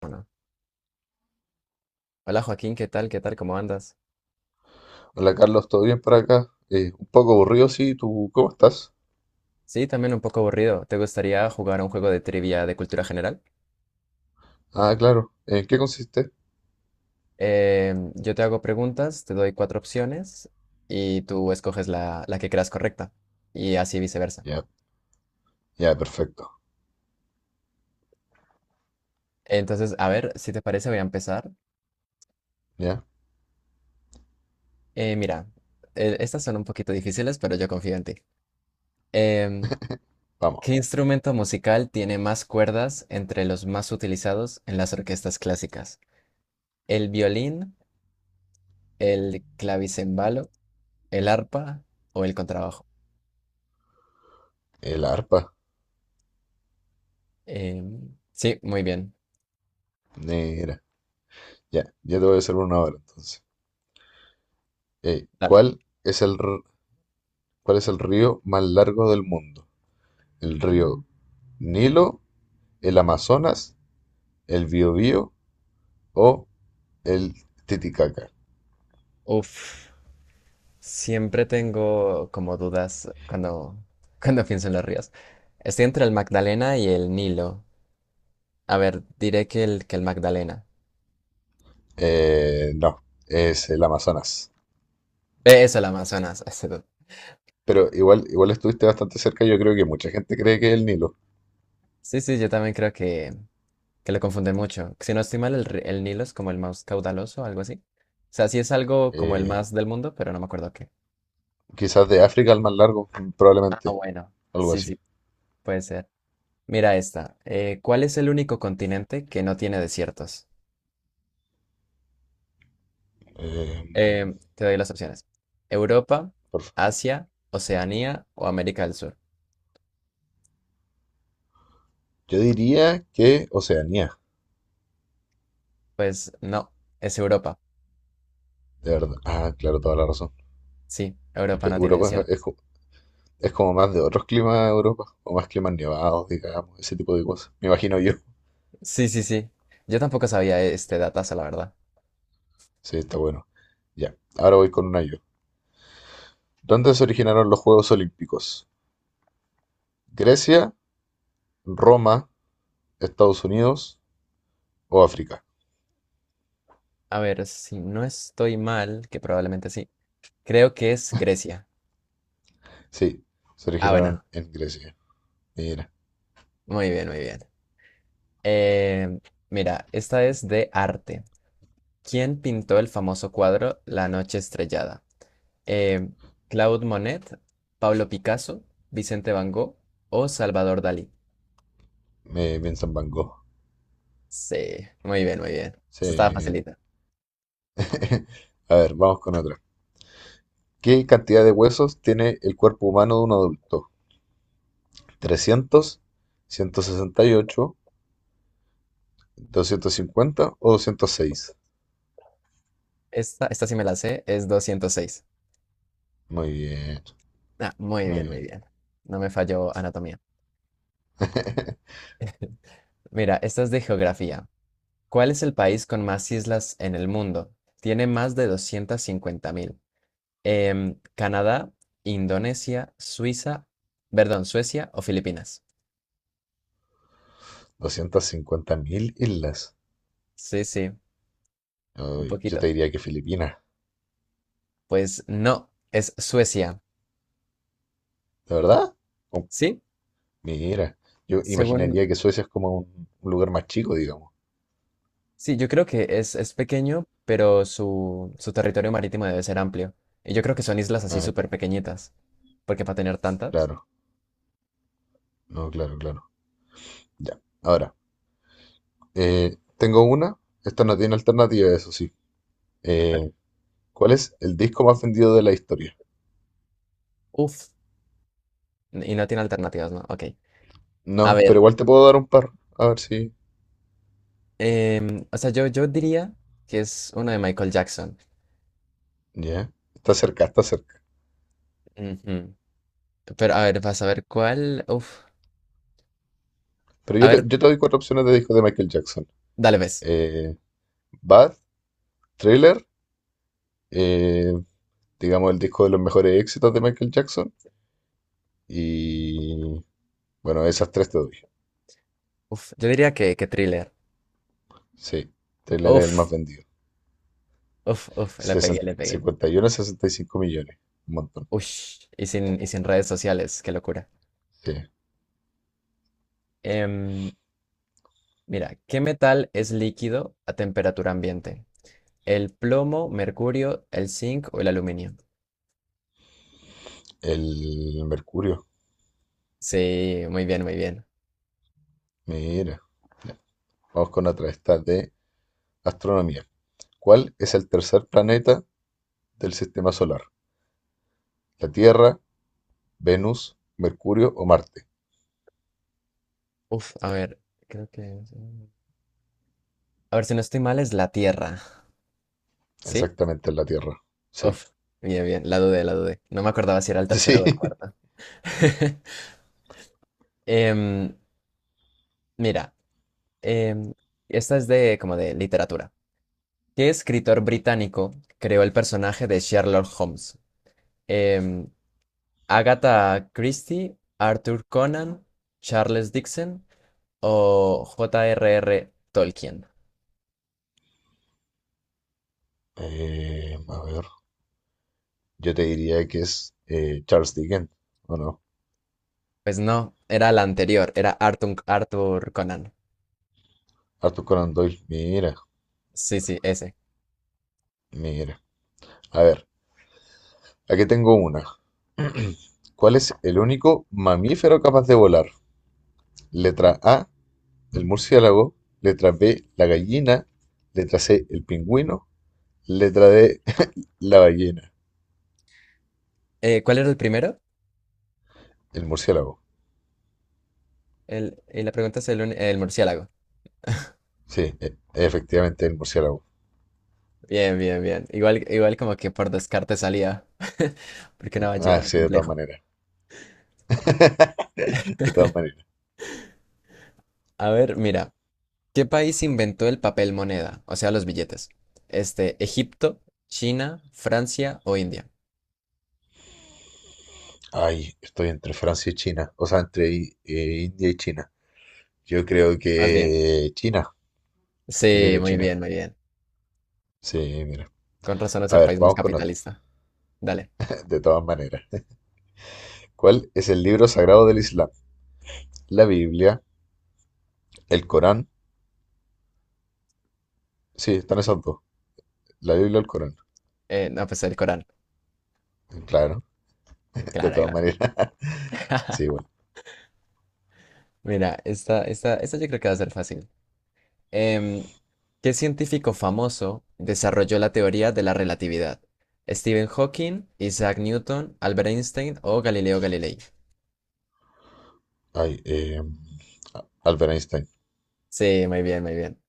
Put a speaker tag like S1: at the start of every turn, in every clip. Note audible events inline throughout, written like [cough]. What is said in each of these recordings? S1: Bueno, hola Joaquín, ¿qué tal? ¿Qué tal? ¿Cómo andas?
S2: Hola Carlos, ¿todo bien por acá? Un poco aburrido, sí, ¿tú cómo estás?
S1: Sí, también un poco aburrido. ¿Te gustaría jugar a un juego de trivia de cultura general?
S2: Ah, claro. ¿En qué consiste?
S1: Yo te hago preguntas, te doy cuatro opciones y tú escoges la que creas correcta y así viceversa.
S2: Ya, ya, perfecto.
S1: Entonces, a ver, si te parece, voy a empezar.
S2: Ya,
S1: Mira, estas son un poquito difíciles, pero yo confío en ti. Em,
S2: vamos.
S1: ¿Qué instrumento musical tiene más cuerdas entre los más utilizados en las orquestas clásicas? ¿El violín, el clavicembalo? ¿El arpa o el contrabajo?
S2: El arpa.
S1: Sí, muy bien.
S2: Negra. Ya, ya te voy a hacer una hora entonces.
S1: Dale.
S2: ¿Cuál es cuál es el río más largo del mundo? ¿El río Nilo, el Amazonas, el Biobío o el Titicaca?
S1: Uf, Siempre tengo como dudas cuando, [laughs] cuando pienso en los ríos. Estoy entre el Magdalena y el Nilo. A ver, diré que el Magdalena.
S2: No, es el Amazonas.
S1: Eso, el Amazonas. [laughs] ese.
S2: Pero igual, igual estuviste bastante cerca, yo creo que mucha gente cree que es el Nilo.
S1: Sí, sí, yo también creo que lo confunden mucho. Si no estoy mal, el Nilo es como el más caudaloso algo así. O sea, sí es algo como el
S2: Eh,
S1: más del mundo, pero no me acuerdo qué.
S2: quizás de África el más largo,
S1: Ah,
S2: probablemente.
S1: bueno.
S2: Algo
S1: Sí,
S2: así.
S1: sí, puede ser. Mira esta. ¿Cuál es el único continente que no tiene desiertos?
S2: Eh,
S1: Te doy las opciones. Europa,
S2: por fa-
S1: Asia, Oceanía o América del Sur.
S2: yo diría que Oceanía,
S1: Pues no, es Europa.
S2: de verdad. Ah, claro, toda la razón.
S1: Sí, Europa
S2: Porque
S1: no tiene
S2: Europa
S1: desiertos.
S2: es como más de otros climas de Europa, o más climas nevados, digamos, ese tipo de cosas. Me imagino yo.
S1: Sí, sí, sí. Yo tampoco sabía este datazo, la verdad.
S2: Sí, está bueno. Ya, ahora voy con una yo. ¿Dónde se originaron los Juegos Olímpicos? ¿Grecia, Roma, Estados Unidos o África?
S1: A ver, si no estoy mal, que probablemente sí. Creo que es Grecia.
S2: Sí, se
S1: Ah,
S2: originaron
S1: bueno.
S2: en Grecia. Mira,
S1: Muy bien, muy bien. Em, Mira, esta es de arte. ¿Quién pintó el famoso cuadro La noche estrellada? Eh, Claude Monet, Pablo Picasso, Vicente Van Gogh o Salvador Dalí.
S2: me piensa en Van Gogh.
S1: Sí, muy bien, muy bien. Esta estaba
S2: Sí.
S1: facilita.
S2: [laughs] A ver, vamos con otra. ¿Qué cantidad de huesos tiene el cuerpo humano de un adulto? 300, 168, 250 o 206.
S1: Esta sí me la sé, es 206.
S2: Muy bien,
S1: Ah, muy
S2: muy
S1: bien, muy
S2: bien.
S1: bien. No me falló anatomía.
S2: [laughs]
S1: Mira, esta es de geografía. ¿Cuál es el país con más islas en el mundo? Tiene más de 250.000. Canadá, Indonesia, Suiza, perdón, Suecia o Filipinas.
S2: 250.000 islas.
S1: Sí, sí, un
S2: Ay, yo
S1: poquito.
S2: te diría que Filipinas,
S1: Pues no, es Suecia.
S2: ¿de verdad? Oh,
S1: Sí,
S2: mira, yo
S1: según,
S2: imaginaría que Suecia es como un lugar más chico, digamos.
S1: sí, yo creo que es pequeño, pero su territorio marítimo debe ser amplio. Y yo creo que son islas así
S2: Ah,
S1: súper pequeñitas, porque para tener tantas,
S2: claro, no, claro, claro. Ya, ahora, tengo una. Esta no tiene alternativa, eso sí.
S1: a ver,
S2: Eh, ¿cuál es el disco más vendido de la historia?
S1: uff, y no tiene alternativas, ¿no? Ok. A
S2: No, pero
S1: ver,
S2: igual te puedo dar un par. A ver si.
S1: o sea, yo diría que es una de Michael Jackson.
S2: Ya. Está cerca, está cerca.
S1: Ujú. Pero a ver, vas a ver cuál,
S2: Pero
S1: a
S2: yo te,
S1: ver,
S2: yo te doy cuatro opciones de discos de Michael Jackson.
S1: dale, ves.
S2: Eh, Bad, Thriller, eh, digamos el disco de los mejores éxitos de Michael Jackson. Y bueno, esas tres te doy.
S1: Yo diría que Thriller.
S2: Sí, Thriller es el
S1: Uf,
S2: más vendido.
S1: Le pegué, le pegué.
S2: 51 a 65 millones. Un montón.
S1: Ush, y sin redes sociales, qué locura.
S2: Sí.
S1: Em, Mira, ¿qué metal es líquido a temperatura ambiente? ¿El plomo, mercurio, el zinc o el aluminio?
S2: El Mercurio.
S1: Sí, muy bien, muy bien.
S2: Mira. Vamos con otra. Esta de astronomía. ¿Cuál es el tercer planeta del sistema solar? La Tierra, Venus, Mercurio o Marte.
S1: A ver, creo que... A ver, si no estoy mal, es la Tierra. ¿Sí?
S2: Exactamente es la Tierra. Sí.
S1: Uf, Bien, bien, la dudé, la dudé. No me acordaba si era el tercero
S2: Sí.
S1: o el cuarto.
S2: [laughs]
S1: [laughs] Em, Mira, em, esta es de como de literatura. ¿Qué escritor británico creó el personaje de Sherlock Holmes? Em, Agatha Christie, Arthur Conan, Charles Dickens o J.R.R. Tolkien.
S2: A ver. Yo te diría que es Charles Dickens, ¿o no?
S1: Pues no, era la anterior, era Arthur Conan.
S2: Arthur Conan Doyle. Mira,
S1: Sí, sí, ese.
S2: mira. A ver, aquí tengo una. ¿Cuál es el único mamífero capaz de volar? Letra A, el murciélago. Letra B, la gallina. Letra C, el pingüino. Letra D, [laughs] la ballena.
S1: ¿Cuál era el primero?
S2: El murciélago.
S1: Y la pregunta es el murciélago.
S2: Sí, efectivamente, el murciélago.
S1: Bien, bien, bien. Igual, igual como que por descarte salía. [laughs] Porque una
S2: Ah,
S1: ballena,
S2: sí, de todas
S1: complejo.
S2: maneras, de todas maneras.
S1: A ver, mira. ¿Qué país inventó el papel moneda? O sea, los billetes. Este, Egipto, China, Francia o India.
S2: Ay, estoy entre Francia y China, o sea, entre India y China. Yo creo
S1: Más bien.
S2: que China, yo creo
S1: Sí,
S2: que
S1: muy
S2: China.
S1: bien, muy bien.
S2: Sí, mira.
S1: Con razón es
S2: A
S1: el
S2: ver,
S1: país más
S2: vamos con otro.
S1: capitalista. Dale.
S2: De todas maneras. ¿Cuál es el libro sagrado del Islam? La Biblia, el Corán. Sí, están esos dos. La Biblia y el Corán.
S1: No, pues el Corán.
S2: Claro, de
S1: Claro,
S2: todas
S1: claro.
S2: maneras. [laughs] Sí, bueno.
S1: Mira, esta yo creo que va a ser fácil. Em, ¿Qué científico famoso desarrolló la teoría de la relatividad? ¿Stephen Hawking, Isaac Newton, Albert Einstein o Galileo Galilei?
S2: Ay, Albert Einstein.
S1: Sí, muy bien, muy bien.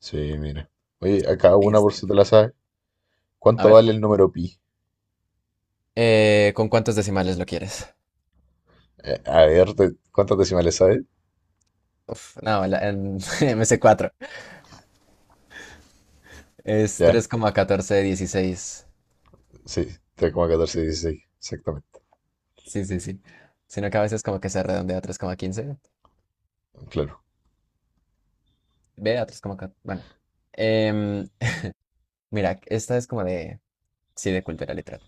S2: Sí, mira. Oye, a una por
S1: Einstein.
S2: si te la sabes.
S1: A
S2: ¿Cuánto
S1: ver,
S2: vale el número pi?
S1: ¿con cuántos decimales lo quieres?
S2: A ver, ¿cuántas decimales sabes?
S1: Uf, no, [laughs] me sé cuatro. Es
S2: ¿Ya?
S1: 3,1416.
S2: Sí, tres coma catorce dieciséis, exactamente.
S1: Sí, sí, sí. Sino que a veces como que se redondea a 3,15,
S2: Claro.
S1: ve a 3,4. Bueno, Em, mira, esta es como de, sí, de cultura literal.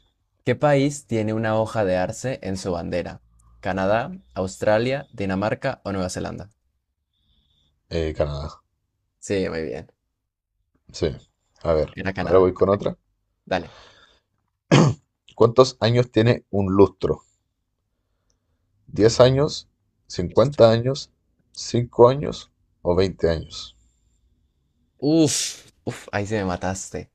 S1: ¿Qué país tiene una hoja de arce en su bandera? ¿Canadá, Australia, Dinamarca o Nueva Zelanda?
S2: Canadá.
S1: Sí, muy bien.
S2: Sí. A ver,
S1: Era
S2: ahora
S1: Canadá.
S2: voy con
S1: Perfecto.
S2: otra.
S1: Dale.
S2: ¿Cuántos años tiene un lustro? ¿10 años? ¿50 años? ¿5 años? ¿O 20 años?
S1: Ahí se me mataste.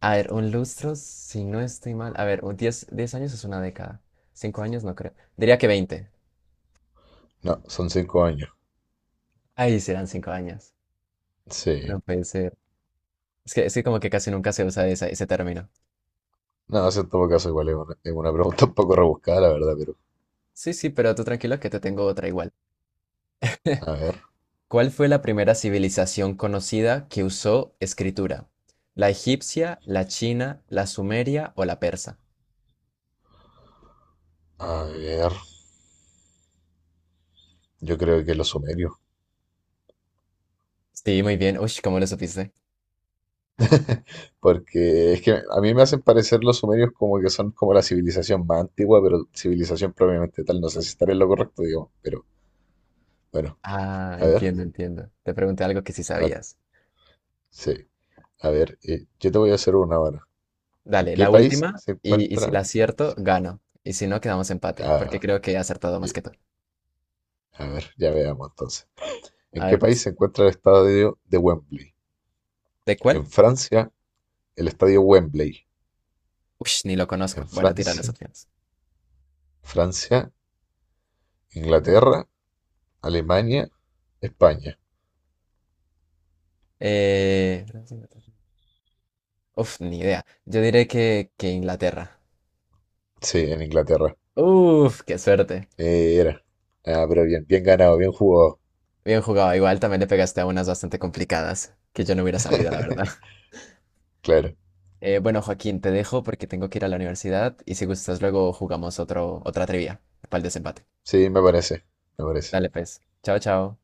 S1: A ver, un lustro, si no estoy mal. A ver, un 10 10 años es una década. 5 años no creo. Diría que 20.
S2: No, son 5 años.
S1: Ahí serán 5 años. No
S2: Sí.
S1: pensé. Es que como que casi nunca se usa ese término.
S2: No, eso en todo caso igual es una pregunta un poco rebuscada, la verdad, pero...
S1: Sí, sí, pero tú tranquilo que te tengo otra igual. [laughs]
S2: A ver,
S1: ¿Cuál fue la primera civilización conocida que usó escritura? ¿La egipcia, la china, la sumeria o la persa?
S2: a ver. Yo creo que los sumerios.
S1: Sí, muy bien. Uy, ¿cómo lo supiste?
S2: Porque es que a mí me hacen parecer los sumerios como que son como la civilización más antigua, pero civilización propiamente tal. No sé si estaré en lo correcto, digo, pero bueno,
S1: Ah,
S2: a ver,
S1: entiendo, entiendo. Te pregunté algo que sí
S2: a ver,
S1: sabías.
S2: sí, a ver, yo te voy a hacer una ahora. ¿En
S1: Dale,
S2: qué
S1: la
S2: país
S1: última
S2: se
S1: y si
S2: encuentra?
S1: la acierto, gano. Y si no, quedamos empate, porque
S2: Ah,
S1: creo que he acertado más
S2: ye-
S1: que tú.
S2: a ver, ya veamos entonces. ¿En
S1: A
S2: qué
S1: ver,
S2: país
S1: pues.
S2: se encuentra el estadio de Wembley?
S1: ¿De cuál?
S2: En Francia, el estadio Wembley.
S1: Uy, ni lo
S2: ¿En
S1: conozco. Bueno, tira las
S2: Francia,
S1: opciones.
S2: Francia, Inglaterra, Alemania, España?
S1: Eh... ni idea. Yo diré que Inglaterra.
S2: Sí, en Inglaterra.
S1: Qué suerte.
S2: Era. Ah, pero bien, bien ganado, bien jugado.
S1: Bien jugado. Igual también le pegaste a unas bastante complicadas que yo no hubiera sabido, la verdad.
S2: [laughs]
S1: [laughs]
S2: Claro.
S1: Bueno, Joaquín, te dejo porque tengo que ir a la universidad y si gustas luego jugamos otro, otra trivia para el desempate.
S2: Sí, me parece, me parece.
S1: Dale, pues. Chao, chao.